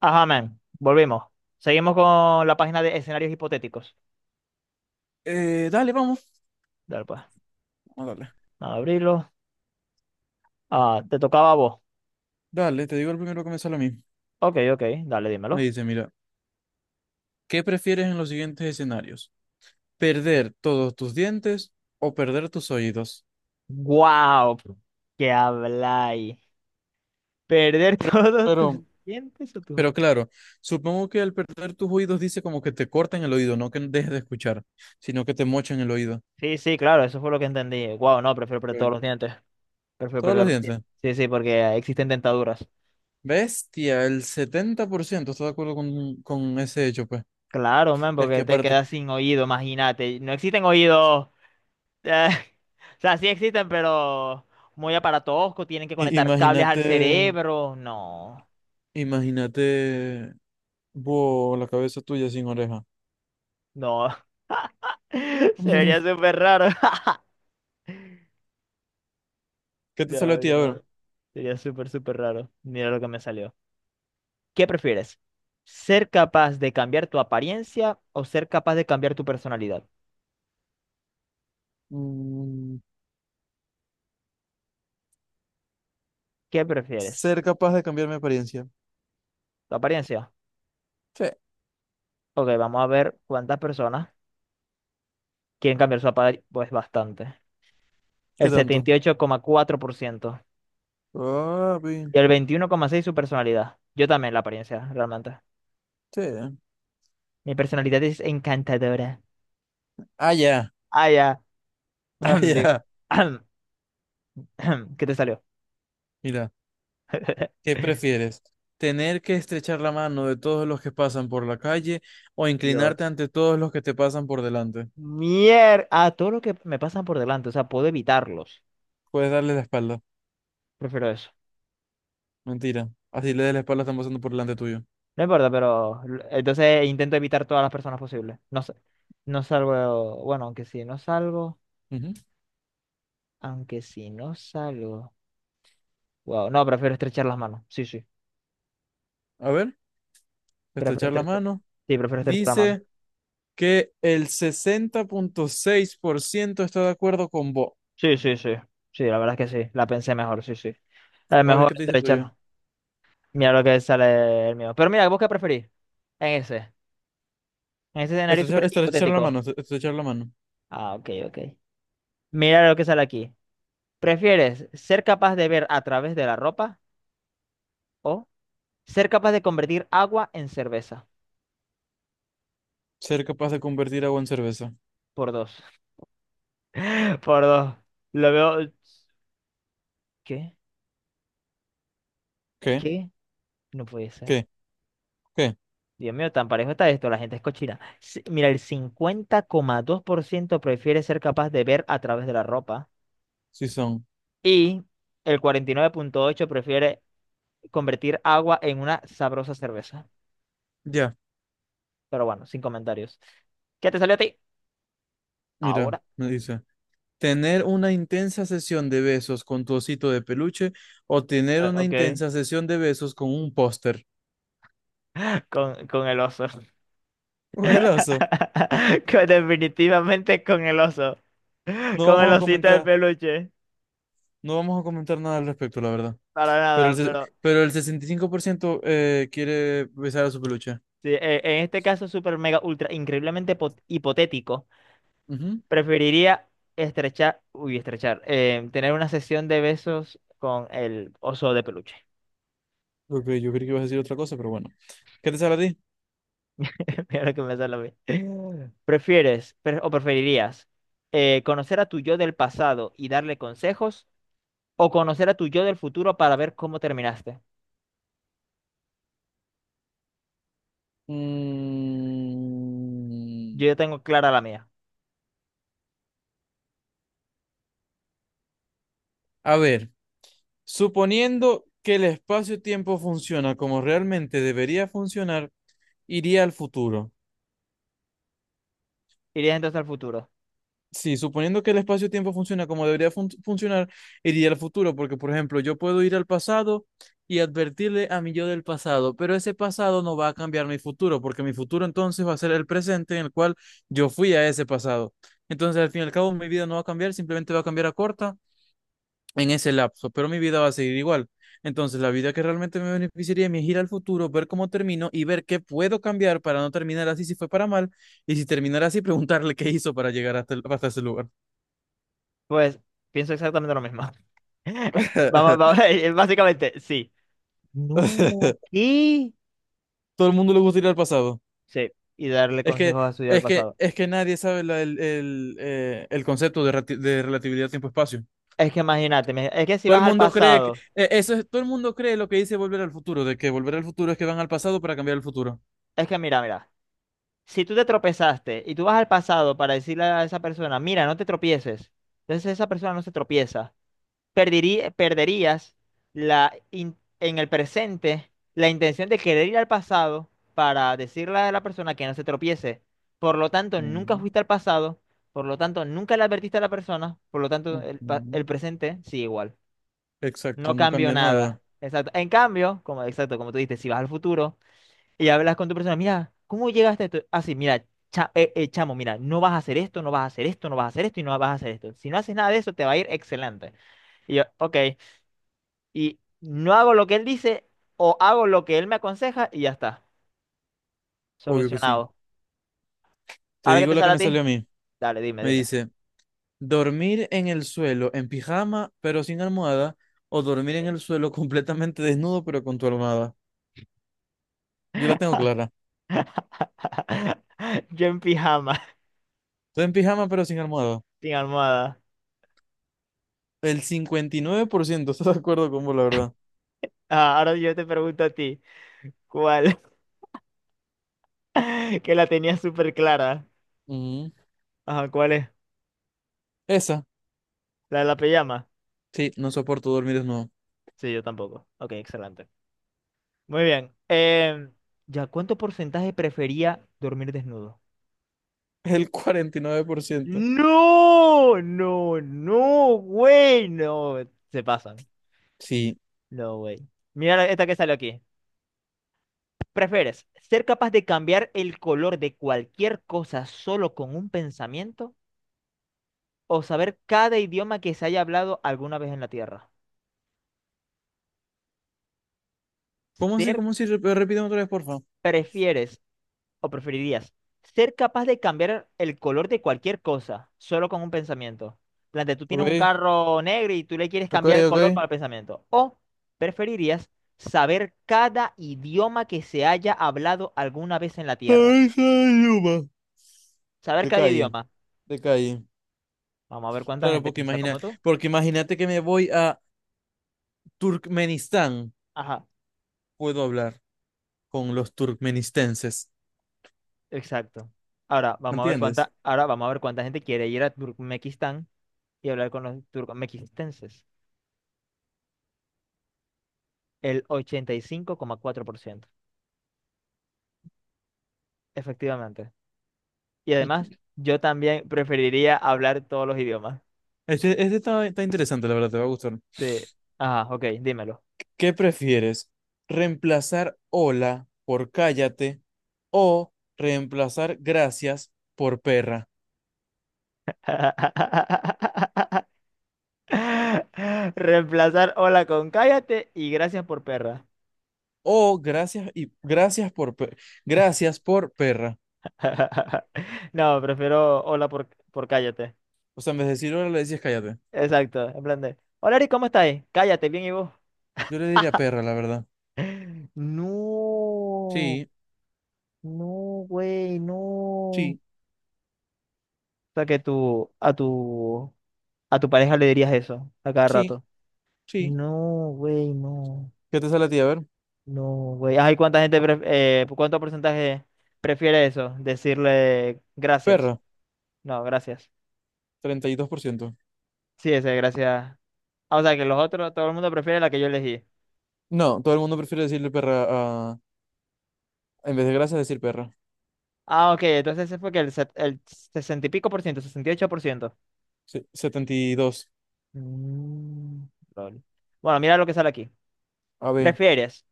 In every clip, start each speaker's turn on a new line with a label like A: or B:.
A: Ajá, man. Volvimos. Seguimos con la página de escenarios hipotéticos.
B: Vamos.
A: Dale, pues.
B: Vamos a darle.
A: Vamos a abrirlo. Ah, te tocaba a vos.
B: Dale, te digo el primero que me sale a mí.
A: Ok, ok. Dale,
B: Me
A: dímelo.
B: dice, mira, ¿qué prefieres en los siguientes escenarios? ¿Perder todos tus dientes o perder tus oídos?
A: ¡Guau! ¿Qué habláis? ¿Perder
B: Pero,
A: todos tus
B: pero,
A: dientes o tus?
B: pero claro, supongo que al perder tus oídos dice como que te cortan el oído, no que dejes de escuchar, sino que te mochan el oído.
A: Sí, sí, claro, eso fue lo que entendí. Wow, no, prefiero perder todos
B: Ok.
A: los dientes. Prefiero
B: Todos los
A: perder los
B: dientes.
A: dientes. Sí, sí, porque existen dentaduras.
B: Bestia, el 70% está de acuerdo con ese hecho, pues.
A: Claro, man,
B: Es que
A: porque te
B: aparte,
A: quedas sin oído, imagínate. No existen oídos. Eh, o sea, sí existen, pero muy aparatosco, tienen que conectar cables al
B: imagínate,
A: cerebro. No,
B: imagínate, vos, la cabeza tuya sin oreja.
A: no. Sería súper raro.
B: ¿Qué te sale a
A: No,
B: ti? A ver.
A: no. Sería súper, súper raro. Mira lo que me salió. ¿Qué prefieres? ¿Ser capaz de cambiar tu apariencia o ser capaz de cambiar tu personalidad?
B: Mm,
A: ¿Qué prefieres?
B: ser capaz de cambiar mi apariencia.
A: ¿Tu apariencia?
B: Sí.
A: Ok, vamos a ver cuántas personas quieren cambiar su apariencia. Pues bastante. El
B: ¿Qué
A: setenta
B: tanto?
A: y ocho coma cuatro por ciento
B: Papi.
A: Y el 21,6 su personalidad. Yo también la apariencia, realmente.
B: Sí.
A: Mi personalidad es encantadora.
B: Ah, ya.
A: Ah, ya.
B: Ah,
A: Di-
B: ya.
A: ¿Qué te salió?
B: Mira, ¿qué prefieres? ¿Tener que estrechar la mano de todos los que pasan por la calle o inclinarte
A: Dios.
B: ante todos los que te pasan por delante?
A: A todo lo que me pasan por delante, o sea, puedo evitarlos.
B: Puedes darle la espalda.
A: Prefiero eso.
B: Mentira. Así le des la espalda, están pasando por delante tuyo.
A: No importa, pero entonces intento evitar todas las personas posibles. No, no salgo, bueno, aunque si no salgo,
B: Ujú.
A: aunque si no salgo. Wow, no, prefiero estrechar las manos. Sí, sí,
B: A ver,
A: prefiero
B: estrechar la
A: estrechar.
B: mano.
A: Sí, prefiero estrechar la mano.
B: Dice que el 60.6% está de acuerdo con vos.
A: Sí, sí, sí. Sí, la verdad es que sí. La pensé mejor, sí, sí. Es
B: A ver
A: mejor
B: qué te dice el tuyo.
A: estrechar. Mira lo que sale el mío. Pero mira, ¿vos qué preferís? En ese. En ese escenario súper hipotético.
B: Echar la mano.
A: Ah, ok, ok. Mira lo que sale aquí. ¿Prefieres ser capaz de ver a través de la ropa o ser capaz de convertir agua en cerveza?
B: Ser capaz de convertir agua en cerveza.
A: Por dos. Por dos. Lo veo. ¿Qué?
B: ¿Qué?
A: ¿Qué? No puede ser.
B: ¿Qué? ¿Qué?
A: Dios mío, tan parejo está esto, la gente es cochina. Sí, mira, el 50,2% prefiere ser capaz de ver a través de la ropa
B: Sí son.
A: y el 49,8% prefiere convertir agua en una sabrosa cerveza.
B: Ya,
A: Pero bueno, sin comentarios. ¿Qué te salió a ti?
B: mira,
A: Ahora.
B: me dice. Tener una intensa sesión de besos con tu osito de peluche o tener una
A: Ok,
B: intensa sesión de besos con un póster.
A: con el oso.
B: El oso.
A: Definitivamente con el oso.
B: No
A: Con el
B: vamos a
A: osito de
B: comentar,
A: peluche.
B: no vamos a comentar nada al respecto, la verdad.
A: Para
B: Pero
A: nada,
B: el, se-
A: pero
B: pero el 65% quiere besar a su peluche.
A: sí, en este caso súper mega ultra increíblemente hipotético.
B: Ujú.
A: Preferiría tener una sesión de besos con el oso de peluche.
B: Ok, yo creí que ibas a decir otra cosa, pero bueno. ¿Qué te sale a ti?
A: Mira lo que me sale a mí. ¿Prefieres o preferirías conocer a tu yo del pasado y darle consejos o conocer a tu yo del futuro para ver cómo terminaste?
B: Mm,
A: Yo ya tengo clara la mía.
B: a ver, suponiendo que el espacio-tiempo funciona como realmente debería funcionar, iría al futuro.
A: ¿Irías entonces al futuro?
B: Sí, suponiendo que el espacio-tiempo funciona como debería funcionar, iría al futuro, porque por ejemplo, yo puedo ir al pasado y advertirle a mi yo del pasado, pero ese pasado no va a cambiar mi futuro, porque mi futuro entonces va a ser el presente en el cual yo fui a ese pasado. Entonces, al fin y al cabo, mi vida no va a cambiar, simplemente va a cambiar a corta en ese lapso, pero mi vida va a seguir igual. Entonces, la vida que realmente me beneficiaría es ir al futuro, ver cómo termino y ver qué puedo cambiar para no terminar así si fue para mal, y si terminar así, preguntarle qué hizo para llegar hasta ese lugar.
A: Pues pienso exactamente lo mismo. Vamos, vamos, básicamente, sí. No, ¿qué?
B: Todo el mundo le gusta ir al pasado.
A: Sí, y darle
B: Es que,
A: consejos a su yo del
B: es que,
A: pasado.
B: es que nadie sabe el concepto de, de relatividad tiempo-espacio.
A: Es que imagínate, es que si
B: Todo
A: vas
B: el
A: al
B: mundo cree que,
A: pasado,
B: todo el mundo cree lo que dice volver al futuro, de que volver al futuro es que van al pasado para cambiar el futuro.
A: es que mira, mira, si tú te tropezaste y tú vas al pasado para decirle a esa persona, mira, no te tropieces, entonces esa persona no se tropieza, perderías en el presente la intención de querer ir al pasado para decirle a la persona que no se tropiece. Por lo tanto, nunca
B: Mm,
A: fuiste al pasado, por lo tanto, nunca le advertiste a la persona, por lo tanto,
B: mm.
A: el presente sigue igual.
B: Exacto,
A: No
B: no
A: cambió
B: cambia
A: nada.
B: nada.
A: Exacto. En cambio, como, exacto, como tú dices, si vas al futuro. Y hablas con tu persona, mira, ¿cómo llegaste a esto? Así, mira, chamo, mira, no vas a hacer esto, no vas a hacer esto, no vas a hacer esto y no vas a hacer esto. Si no haces nada de eso, te va a ir excelente. Y yo, ok, y no hago lo que él dice o hago lo que él me aconseja y ya está,
B: Obvio que sí.
A: solucionado.
B: Te
A: Ahora que
B: digo
A: te
B: la que
A: sale a
B: me salió
A: ti,
B: a mí.
A: dale, dime,
B: Me
A: dime.
B: dice, dormir en el suelo en pijama pero sin almohada o dormir en el
A: Ok.
B: suelo completamente desnudo pero con tu almohada. Yo la tengo clara.
A: Yo en pijama,
B: Estoy en pijama pero sin almohada.
A: sin almohada.
B: El 59%, está de acuerdo con vos, la verdad.
A: Ah, ahora yo te pregunto a ti, ¿cuál? Que la tenía súper clara.
B: Ujú.
A: Ajá, ¿cuál es?
B: Esa.
A: ¿La de la pijama?
B: Sí, no soporto dormir desnudo.
A: Sí, yo tampoco. Ok, excelente. Muy bien. ¿Ya cuánto porcentaje prefería dormir desnudo?
B: El 49%.
A: No, no, no, güey, no. Se pasan.
B: Sí.
A: No, güey. Mira esta que sale aquí. ¿Prefieres ser capaz de cambiar el color de cualquier cosa solo con un pensamiento o saber cada idioma que se haya hablado alguna vez en la Tierra?
B: ¿Cómo así?
A: Ser,
B: ¿Cómo así? Repíteme otra vez, porfa.
A: ¿prefieres ¿O preferirías ser capaz de cambiar el color de cualquier cosa solo con un pensamiento? Plante, tú tienes un
B: Ok,
A: carro negro y tú le quieres
B: ok,
A: cambiar el
B: ok.
A: color con el pensamiento. ¿O preferirías saber cada idioma que se haya hablado alguna vez en la Tierra?
B: Ay, soy Yuma.
A: Saber
B: De
A: cada
B: calle,
A: idioma.
B: de calle.
A: Vamos a ver cuánta
B: Claro,
A: gente
B: porque
A: piensa
B: imagina,
A: como tú.
B: porque imagínate que me voy a Turkmenistán,
A: Ajá,
B: puedo hablar con los turkmenistenses,
A: exacto.
B: ¿entiendes?
A: Ahora vamos a ver cuánta gente quiere ir a Turkmenistán y hablar con los turcomequistenses. El 85,4%. Efectivamente. Y además, yo también preferiría hablar todos los idiomas.
B: Está interesante, la verdad, te va a gustar.
A: Sí. Ajá, ok, dímelo.
B: ¿Qué prefieres? ¿Reemplazar hola por cállate o reemplazar gracias por perra?
A: Reemplazar hola con cállate y gracias por perra.
B: O gracias y gracias por per- gracias por perra.
A: No, prefiero hola por cállate.
B: O sea, en vez de decir hola le dices cállate.
A: Exacto, en plan de. Hola Ari, ¿cómo estáis? Cállate, bien y vos.
B: Yo le diría perra, la verdad.
A: No,
B: Sí,
A: no, güey, no. O
B: sí,
A: sea que tú, a tu pareja le dirías eso a cada
B: sí,
A: rato.
B: sí.
A: No, güey, no.
B: ¿Qué te sale a ti? A ver,
A: No, güey. Ay, ¿cuánta gente, cuánto porcentaje prefiere eso? Decirle gracias.
B: perra.
A: No, gracias.
B: 32%.
A: Sí, ese, gracias. Ah, o sea, que los otros, todo el mundo prefiere la que yo elegí.
B: No, todo el mundo prefiere decirle perra a... En vez de gracias, decir perra.
A: Ah, ok, entonces ese fue que el sesenta y pico por ciento, 68%.
B: 72.
A: Mm, lol. Bueno, mira lo que sale aquí.
B: A ver.
A: ¿Prefieres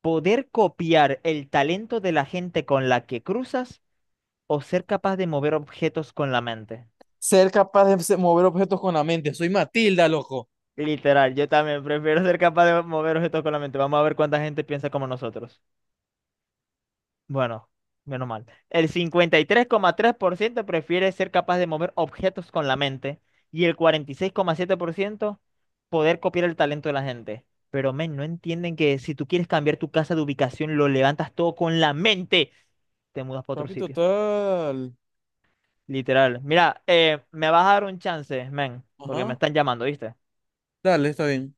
A: poder copiar el talento de la gente con la que cruzas o ser capaz de mover objetos con la mente?
B: Ser capaz de mover objetos con la mente. Soy Matilda, loco.
A: Literal, yo también prefiero ser capaz de mover objetos con la mente. Vamos a ver cuánta gente piensa como nosotros. Bueno, menos mal. El 53,3% prefiere ser capaz de mover objetos con la mente y el 46,7% poder copiar el talento de la gente. Pero, men, no entienden que si tú quieres cambiar tu casa de ubicación, lo levantas todo con la mente. Te mudas para otro
B: Papi,
A: sitio.
B: total.
A: Literal. Mira, me vas a dar un chance, men, porque me
B: Ajá.
A: están llamando, ¿viste?
B: Dale, está bien.